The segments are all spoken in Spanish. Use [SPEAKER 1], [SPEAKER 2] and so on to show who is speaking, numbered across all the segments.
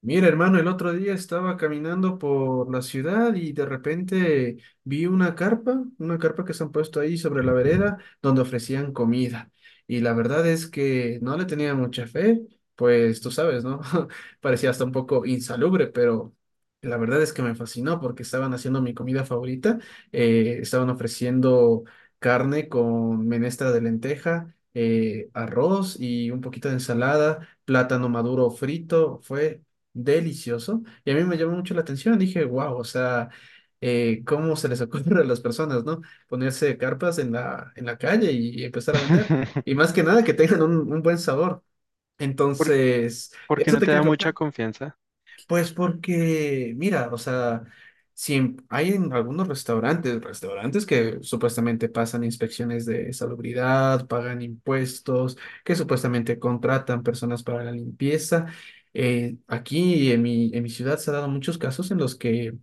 [SPEAKER 1] Mira, hermano, el otro día estaba caminando por la ciudad y de repente vi una carpa que se han puesto ahí sobre la vereda donde ofrecían comida. Y la verdad es que no le tenía mucha fe, pues tú sabes, ¿no? Parecía hasta un poco insalubre, pero la verdad es que me fascinó porque estaban haciendo mi comida favorita. Estaban ofreciendo carne con menestra de lenteja, arroz y un poquito de ensalada plátano maduro frito, fue delicioso y a mí me llamó mucho la atención. Dije, wow, o sea, ¿cómo se les ocurre a las personas?, ¿no? Ponerse carpas en la calle y empezar a vender. Y más que nada, que tengan un buen sabor.
[SPEAKER 2] ¿Por,
[SPEAKER 1] Entonces,
[SPEAKER 2] por qué
[SPEAKER 1] eso
[SPEAKER 2] no
[SPEAKER 1] te
[SPEAKER 2] te
[SPEAKER 1] quería
[SPEAKER 2] da mucha
[SPEAKER 1] preguntar.
[SPEAKER 2] confianza?
[SPEAKER 1] Pues porque, mira, o sea, si en- hay en algunos restaurantes que supuestamente pasan inspecciones de salubridad, pagan impuestos, que supuestamente contratan personas para la limpieza. Aquí en mi ciudad se han dado muchos casos en los que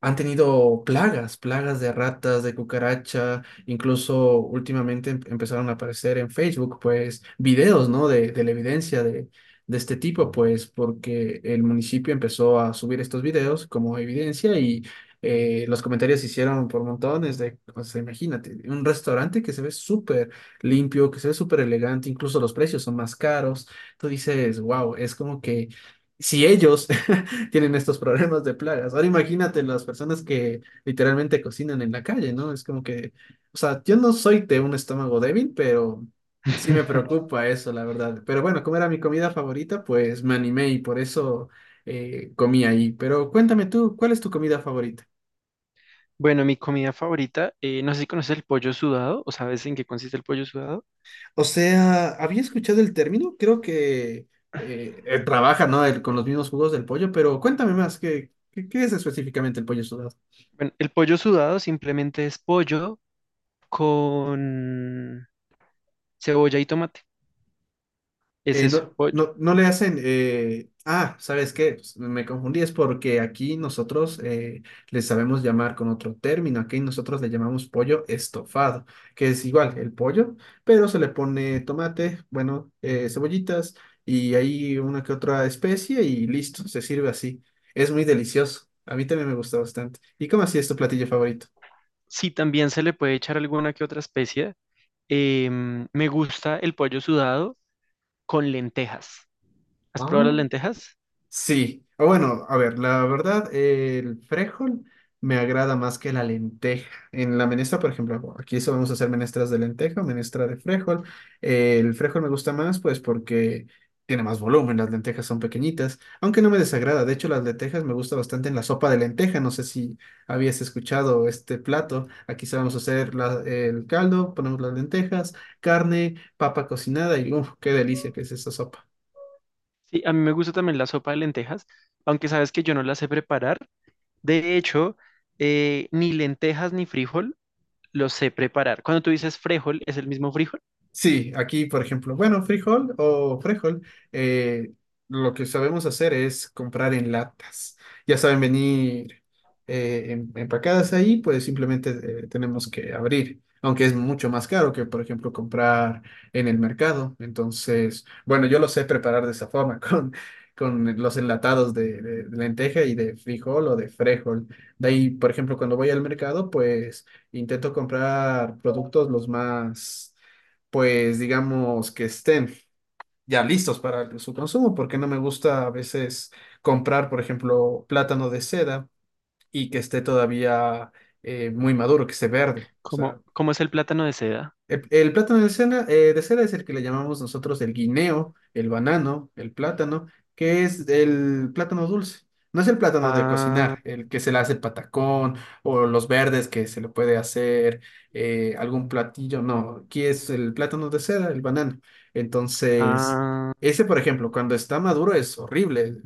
[SPEAKER 1] han tenido plagas de ratas, de cucaracha, incluso últimamente empezaron a aparecer en Facebook, pues, videos, ¿no? De la evidencia de este tipo, pues, porque el municipio empezó a subir estos videos como evidencia y los comentarios se hicieron por montones de, o sea, imagínate, un restaurante que se ve súper limpio, que se ve súper elegante, incluso los precios son más caros. Tú dices, wow, es como que si ellos tienen estos problemas de plagas. Ahora imagínate las personas que literalmente cocinan en la calle, ¿no? Es como que, o sea, yo no soy de un estómago débil, pero sí me preocupa eso, la verdad. Pero bueno, como era mi comida favorita, pues me animé y por eso comí ahí. Pero cuéntame tú, ¿cuál es tu comida favorita?
[SPEAKER 2] Bueno, mi comida favorita, no sé si conoces el pollo sudado o sabes en qué consiste el pollo sudado.
[SPEAKER 1] O sea, había escuchado el término, creo que trabaja, ¿no? Con los mismos jugos del pollo, pero cuéntame más, ¿qué es específicamente el pollo sudado?
[SPEAKER 2] Bueno, el pollo sudado simplemente es pollo con cebolla y tomate. Es eso,
[SPEAKER 1] No,
[SPEAKER 2] pollo.
[SPEAKER 1] no, no le hacen. Ah, ¿sabes qué? Pues, me confundí, es porque aquí nosotros le sabemos llamar con otro término. Aquí nosotros le llamamos pollo estofado, que es igual el pollo, pero se le pone tomate, bueno, cebollitas y ahí una que otra especie y listo, se sirve así. Es muy delicioso. A mí también me gusta bastante. ¿Y cómo así es tu platillo favorito?
[SPEAKER 2] Sí, también se le puede echar alguna que otra especia. Me gusta el pollo sudado con lentejas. ¿Has probado las
[SPEAKER 1] Ah.
[SPEAKER 2] lentejas?
[SPEAKER 1] Sí, o bueno, a ver, la verdad, el frijol me agrada más que la lenteja. En la menestra, por ejemplo, aquí solemos hacer menestras de lenteja, menestra de frijol. El frijol me gusta más, pues, porque tiene más volumen, las lentejas son pequeñitas, aunque no me desagrada. De hecho, las lentejas me gusta bastante en la sopa de lenteja. No sé si habías escuchado este plato. Aquí solemos hacer el caldo, ponemos las lentejas, carne, papa cocinada y, uff, qué delicia que es esa sopa.
[SPEAKER 2] Sí, a mí me gusta también la sopa de lentejas, aunque sabes que yo no la sé preparar. De hecho, ni lentejas ni frijol los sé preparar. Cuando tú dices frijol, ¿es el mismo frijol?
[SPEAKER 1] Sí, aquí, por ejemplo, bueno, frijol o frijol, eh, lo que sabemos hacer es comprar en latas. Ya saben venir empacadas ahí, pues simplemente tenemos que abrir, aunque es mucho más caro que, por ejemplo, comprar en el mercado. Entonces, bueno, yo lo sé preparar de esa forma, con los enlatados de lenteja y de frijol o de frejol. De ahí, por ejemplo, cuando voy al mercado, pues intento comprar productos los más pues digamos que estén ya listos para su consumo, porque no me gusta a veces comprar, por ejemplo, plátano de seda y que esté todavía muy maduro, que esté verde. O sea,
[SPEAKER 2] ¿Cómo es el plátano de seda?
[SPEAKER 1] el plátano de cera es el que le llamamos nosotros el guineo, el banano, el plátano, que es el plátano dulce. No es el plátano de
[SPEAKER 2] Ah,
[SPEAKER 1] cocinar, el que se le hace patacón o los verdes que se le puede hacer algún platillo. No, aquí es el plátano de cera, el banano. Entonces,
[SPEAKER 2] ah.
[SPEAKER 1] ese, por ejemplo, cuando está maduro es horrible,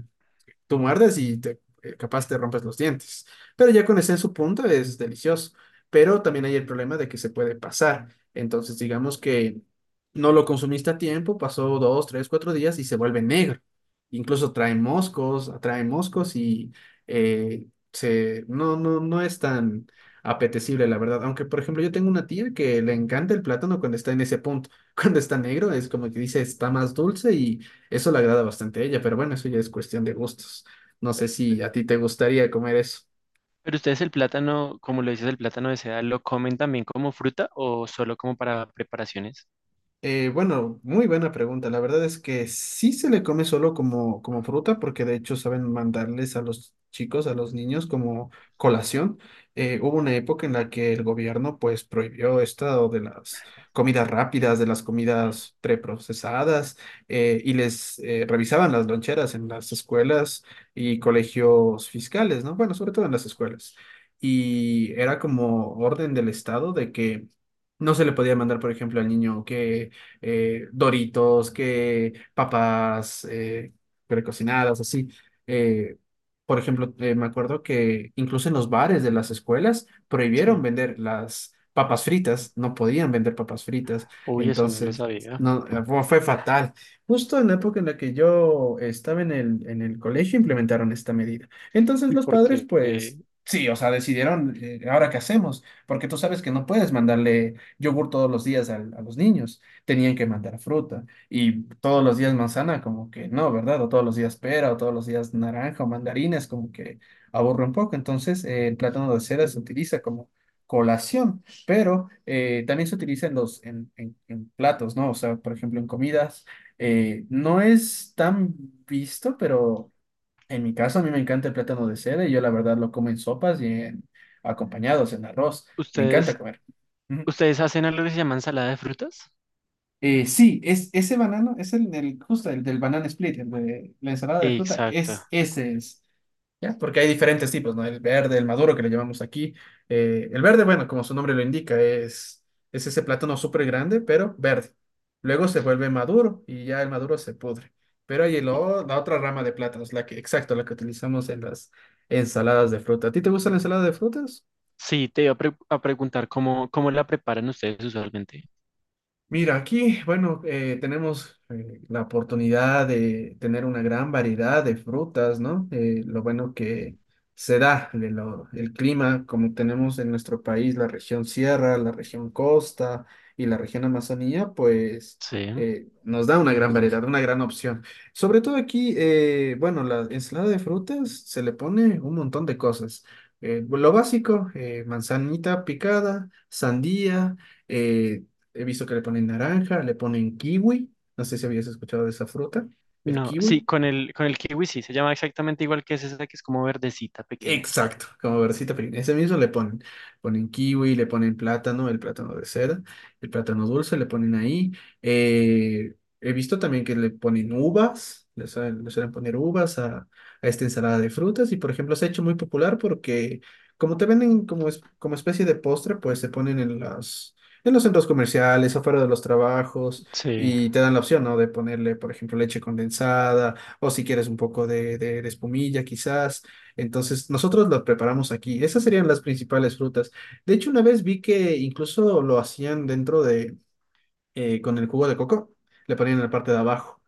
[SPEAKER 1] tú muerdes y capaz te rompes los dientes. Pero ya con ese en su punto es delicioso. Pero también hay el problema de que se puede pasar. Entonces, digamos que no lo consumiste a tiempo, pasó 2, 3, 4 días y se vuelve negro. Incluso trae moscos, atrae moscos y eh, no, no, no es tan apetecible, la verdad. Aunque, por ejemplo, yo tengo una tía que le encanta el plátano cuando está en ese punto. Cuando está negro, es como que dice, está más dulce y eso le agrada bastante a ella, pero bueno, eso ya es cuestión de gustos. No sé si a ti te gustaría comer eso.
[SPEAKER 2] Pero ustedes el plátano, como lo dices, el plátano de seda, ¿lo comen también como fruta o solo como para preparaciones?
[SPEAKER 1] Bueno, muy buena pregunta. La verdad es que sí se le come solo como, fruta, porque de hecho saben mandarles a los chicos, a los niños como colación. Hubo una época en la que el gobierno pues prohibió esto de las comidas rápidas, de las comidas preprocesadas, y les revisaban las loncheras en las escuelas y colegios fiscales, ¿no? Bueno, sobre todo en las escuelas. Y era como orden del Estado de que... No se le podía mandar, por ejemplo, al niño que Doritos, que papas precocinadas, así. Eh, por ejemplo, me acuerdo que incluso en los bares de las escuelas prohibieron
[SPEAKER 2] Sí.
[SPEAKER 1] vender las papas fritas, no podían vender papas fritas,
[SPEAKER 2] Uy, eso no lo
[SPEAKER 1] entonces
[SPEAKER 2] sabía.
[SPEAKER 1] no, fue fatal. Justo en la época en la que yo estaba en el colegio implementaron esta medida. Entonces
[SPEAKER 2] ¿Y
[SPEAKER 1] los
[SPEAKER 2] por
[SPEAKER 1] padres,
[SPEAKER 2] qué
[SPEAKER 1] pues... Sí, o sea, decidieron, ¿ahora qué hacemos? Porque tú sabes que no puedes mandarle yogur todos los días a los niños tenían que mandar fruta. Y todos los días manzana, como que no, ¿verdad? O todos los días pera, o todos los días naranja o mandarines como que aburre un poco. Entonces, el plátano de cera se utiliza como colación, pero también se utiliza en platos, ¿no? O sea, por ejemplo, en comidas. No es tan visto, pero en mi caso a mí me encanta el plátano de cera y yo la verdad lo como en sopas y en acompañados, en arroz. Me
[SPEAKER 2] ustedes,
[SPEAKER 1] encanta comer.
[SPEAKER 2] ustedes hacen algo que se llama ensalada de frutas?
[SPEAKER 1] Sí, es ese banano, es el del, justo el del banana split, el de la ensalada de fruta,
[SPEAKER 2] Exacto.
[SPEAKER 1] es ese es. ¿Ya? Porque hay diferentes tipos, ¿no? El verde, el maduro que le llamamos aquí. El verde, bueno, como su nombre lo indica, es ese plátano súper grande, pero verde. Luego se vuelve maduro y ya el maduro se pudre. Pero hay el
[SPEAKER 2] Y-
[SPEAKER 1] la otra rama de plátanos, la que, exacto, la que utilizamos en las ensaladas de fruta. ¿A ti te gusta la ensalada de frutas?
[SPEAKER 2] Sí, te iba a, preguntar cómo la preparan ustedes usualmente.
[SPEAKER 1] Mira, aquí, bueno, tenemos la oportunidad de tener una gran variedad de frutas, ¿no? Lo bueno que se da de el clima, como tenemos en nuestro país la región sierra, la región costa y la región Amazonía, pues
[SPEAKER 2] Sí.
[SPEAKER 1] nos da una gran variedad, una gran opción. Sobre todo aquí, bueno, la ensalada de frutas se le pone un montón de cosas. Lo básico, manzanita picada, sandía. eh, He visto que le ponen naranja, le ponen kiwi. No sé si habías escuchado de esa fruta, el
[SPEAKER 2] No, sí,
[SPEAKER 1] kiwi.
[SPEAKER 2] con el kiwi sí, se llama exactamente igual que es esa que es como verdecita pequeña.
[SPEAKER 1] Exacto, como versita pequeña. Ese mismo le ponen kiwi, le ponen plátano, el plátano de seda, el plátano dulce, le ponen ahí. Eh, He visto también que le ponen uvas, le suelen poner uvas a esta ensalada de frutas y por ejemplo se ha hecho muy popular porque como te venden como, como especie de postre, pues se ponen en los centros comerciales, afuera de los trabajos
[SPEAKER 2] Sí.
[SPEAKER 1] y te dan la opción, ¿no? De ponerle, por ejemplo, leche condensada o si quieres un poco de espumilla quizás. Entonces, nosotros los preparamos aquí. Esas serían las principales frutas. De hecho, una vez vi que incluso lo hacían dentro de, con el jugo de coco, le ponían en la parte de abajo.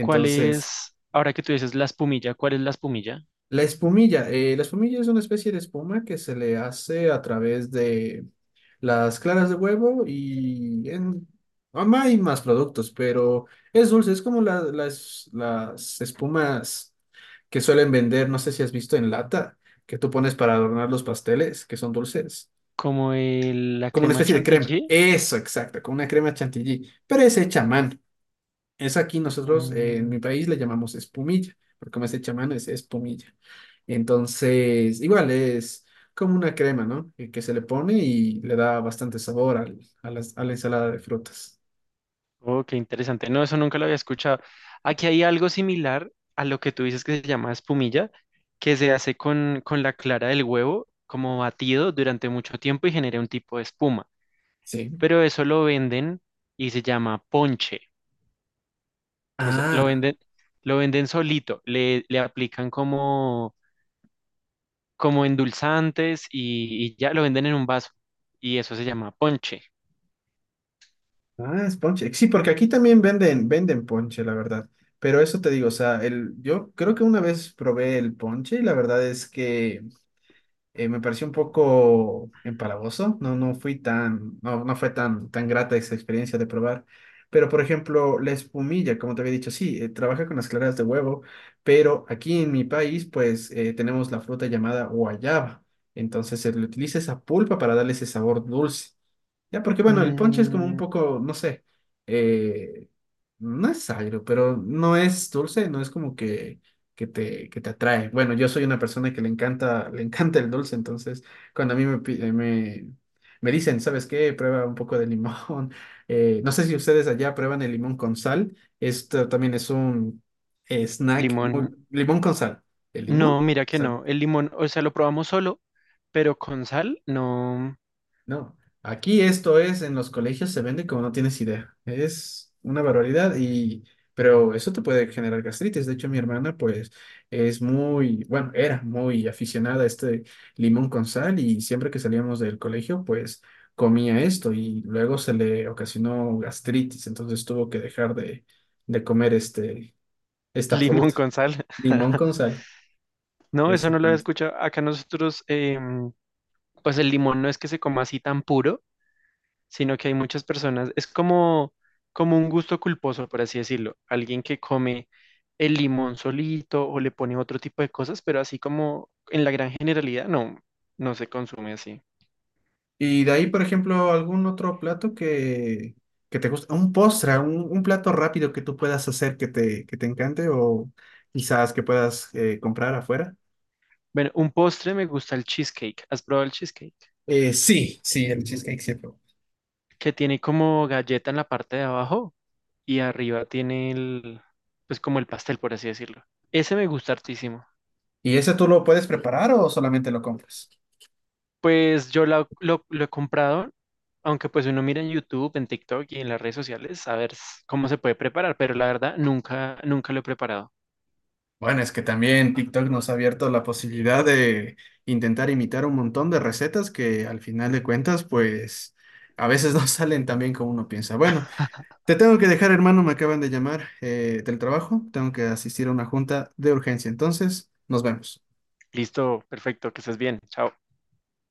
[SPEAKER 2] ¿Cuál es, ahora que tú dices la espumilla, cuál es la espumilla?
[SPEAKER 1] la espumilla es una especie de espuma que se le hace a través de las claras de huevo y en... Hay más productos, pero es dulce, es como las espumas que suelen vender, no sé si has visto en lata, que tú pones para adornar los pasteles, que son dulces,
[SPEAKER 2] ¿Como la
[SPEAKER 1] como una
[SPEAKER 2] crema
[SPEAKER 1] especie de crema.
[SPEAKER 2] chantilly?
[SPEAKER 1] Eso, exacto, como una crema chantilly, pero es hecha a mano. Es aquí nosotros, en
[SPEAKER 2] Mm,
[SPEAKER 1] mi país, le llamamos espumilla, porque como es hecha a mano, es espumilla. Entonces, igual es como una crema, ¿no? Que se le pone y le da bastante sabor a la ensalada de frutas.
[SPEAKER 2] oh, qué interesante. No, eso nunca lo había escuchado. Aquí hay algo similar a lo que tú dices que se llama espumilla, que se hace con la clara del huevo, como batido durante mucho tiempo y genera un tipo de espuma.
[SPEAKER 1] Sí.
[SPEAKER 2] Pero eso lo venden y se llama ponche. O sea,
[SPEAKER 1] Ah,
[SPEAKER 2] lo venden solito, le aplican como, como endulzantes y ya lo venden en un vaso. Y eso se llama ponche.
[SPEAKER 1] ah, es ponche. Sí, porque aquí también venden ponche, la verdad. Pero eso te digo, o sea, yo creo que una vez probé el ponche y la verdad es que me pareció un poco empalagoso, no fue tan grata esa experiencia de probar. Pero, por ejemplo, la espumilla, como te había dicho, sí, trabaja con las claras de huevo, pero aquí en mi país, pues, tenemos la fruta llamada guayaba. Entonces, se le utiliza esa pulpa para darle ese sabor dulce. Ya, porque bueno, el ponche es como un
[SPEAKER 2] Mm,
[SPEAKER 1] poco, no sé, eh, no es agrio, pero no es dulce, no es como que te atrae. Bueno, yo soy una persona que le encanta, le encanta el dulce, entonces cuando a mí me dicen, ¿sabes qué? Prueba un poco de limón. No sé si ustedes allá prueban el limón con sal. Esto también es un snack muy...
[SPEAKER 2] limón,
[SPEAKER 1] Limón con sal. El limón,
[SPEAKER 2] no, mira que
[SPEAKER 1] sal.
[SPEAKER 2] no. El limón, o sea, lo probamos solo, pero con sal, no.
[SPEAKER 1] No, aquí esto es, en los colegios se vende como no tienes idea. Es una barbaridad pero eso te puede generar gastritis. De hecho, mi hermana, pues, bueno, era muy aficionada a este limón con sal y siempre que salíamos del colegio, pues, comía esto y luego se le ocasionó gastritis. Entonces tuvo que dejar de comer este, esta
[SPEAKER 2] Limón
[SPEAKER 1] fruta,
[SPEAKER 2] con sal.
[SPEAKER 1] limón con sal.
[SPEAKER 2] No, eso no lo había
[SPEAKER 1] Exactamente.
[SPEAKER 2] escuchado. Acá nosotros, em, pues el limón no es que se coma así tan puro, sino que hay muchas personas, es como, como un gusto culposo, por así decirlo, alguien que come el limón solito o le pone otro tipo de cosas, pero así como en la gran generalidad no, no se consume así.
[SPEAKER 1] Y de ahí, por ejemplo, algún otro plato que te guste, un postre, un plato rápido que tú puedas hacer que te encante o quizás que puedas comprar afuera.
[SPEAKER 2] Bueno, un postre, me gusta el cheesecake. ¿Has probado el cheesecake?
[SPEAKER 1] Sí, sí, el cheesecake siempre.
[SPEAKER 2] Que tiene como galleta en la parte de abajo y arriba tiene el, pues como el pastel, por así decirlo. Ese me gusta hartísimo.
[SPEAKER 1] ¿Y ese tú lo puedes preparar o solamente lo compras?
[SPEAKER 2] Pues yo lo he comprado, aunque pues uno mira en YouTube, en TikTok y en las redes sociales a ver cómo se puede preparar, pero la verdad nunca, nunca lo he preparado.
[SPEAKER 1] Bueno, es que también TikTok nos ha abierto la posibilidad de intentar imitar un montón de recetas que al final de cuentas, pues a veces no salen tan bien como uno piensa. Bueno, te tengo que dejar, hermano, me acaban de llamar del trabajo, tengo que asistir a una junta de urgencia, entonces nos vemos.
[SPEAKER 2] Listo, perfecto, que estés bien, chao.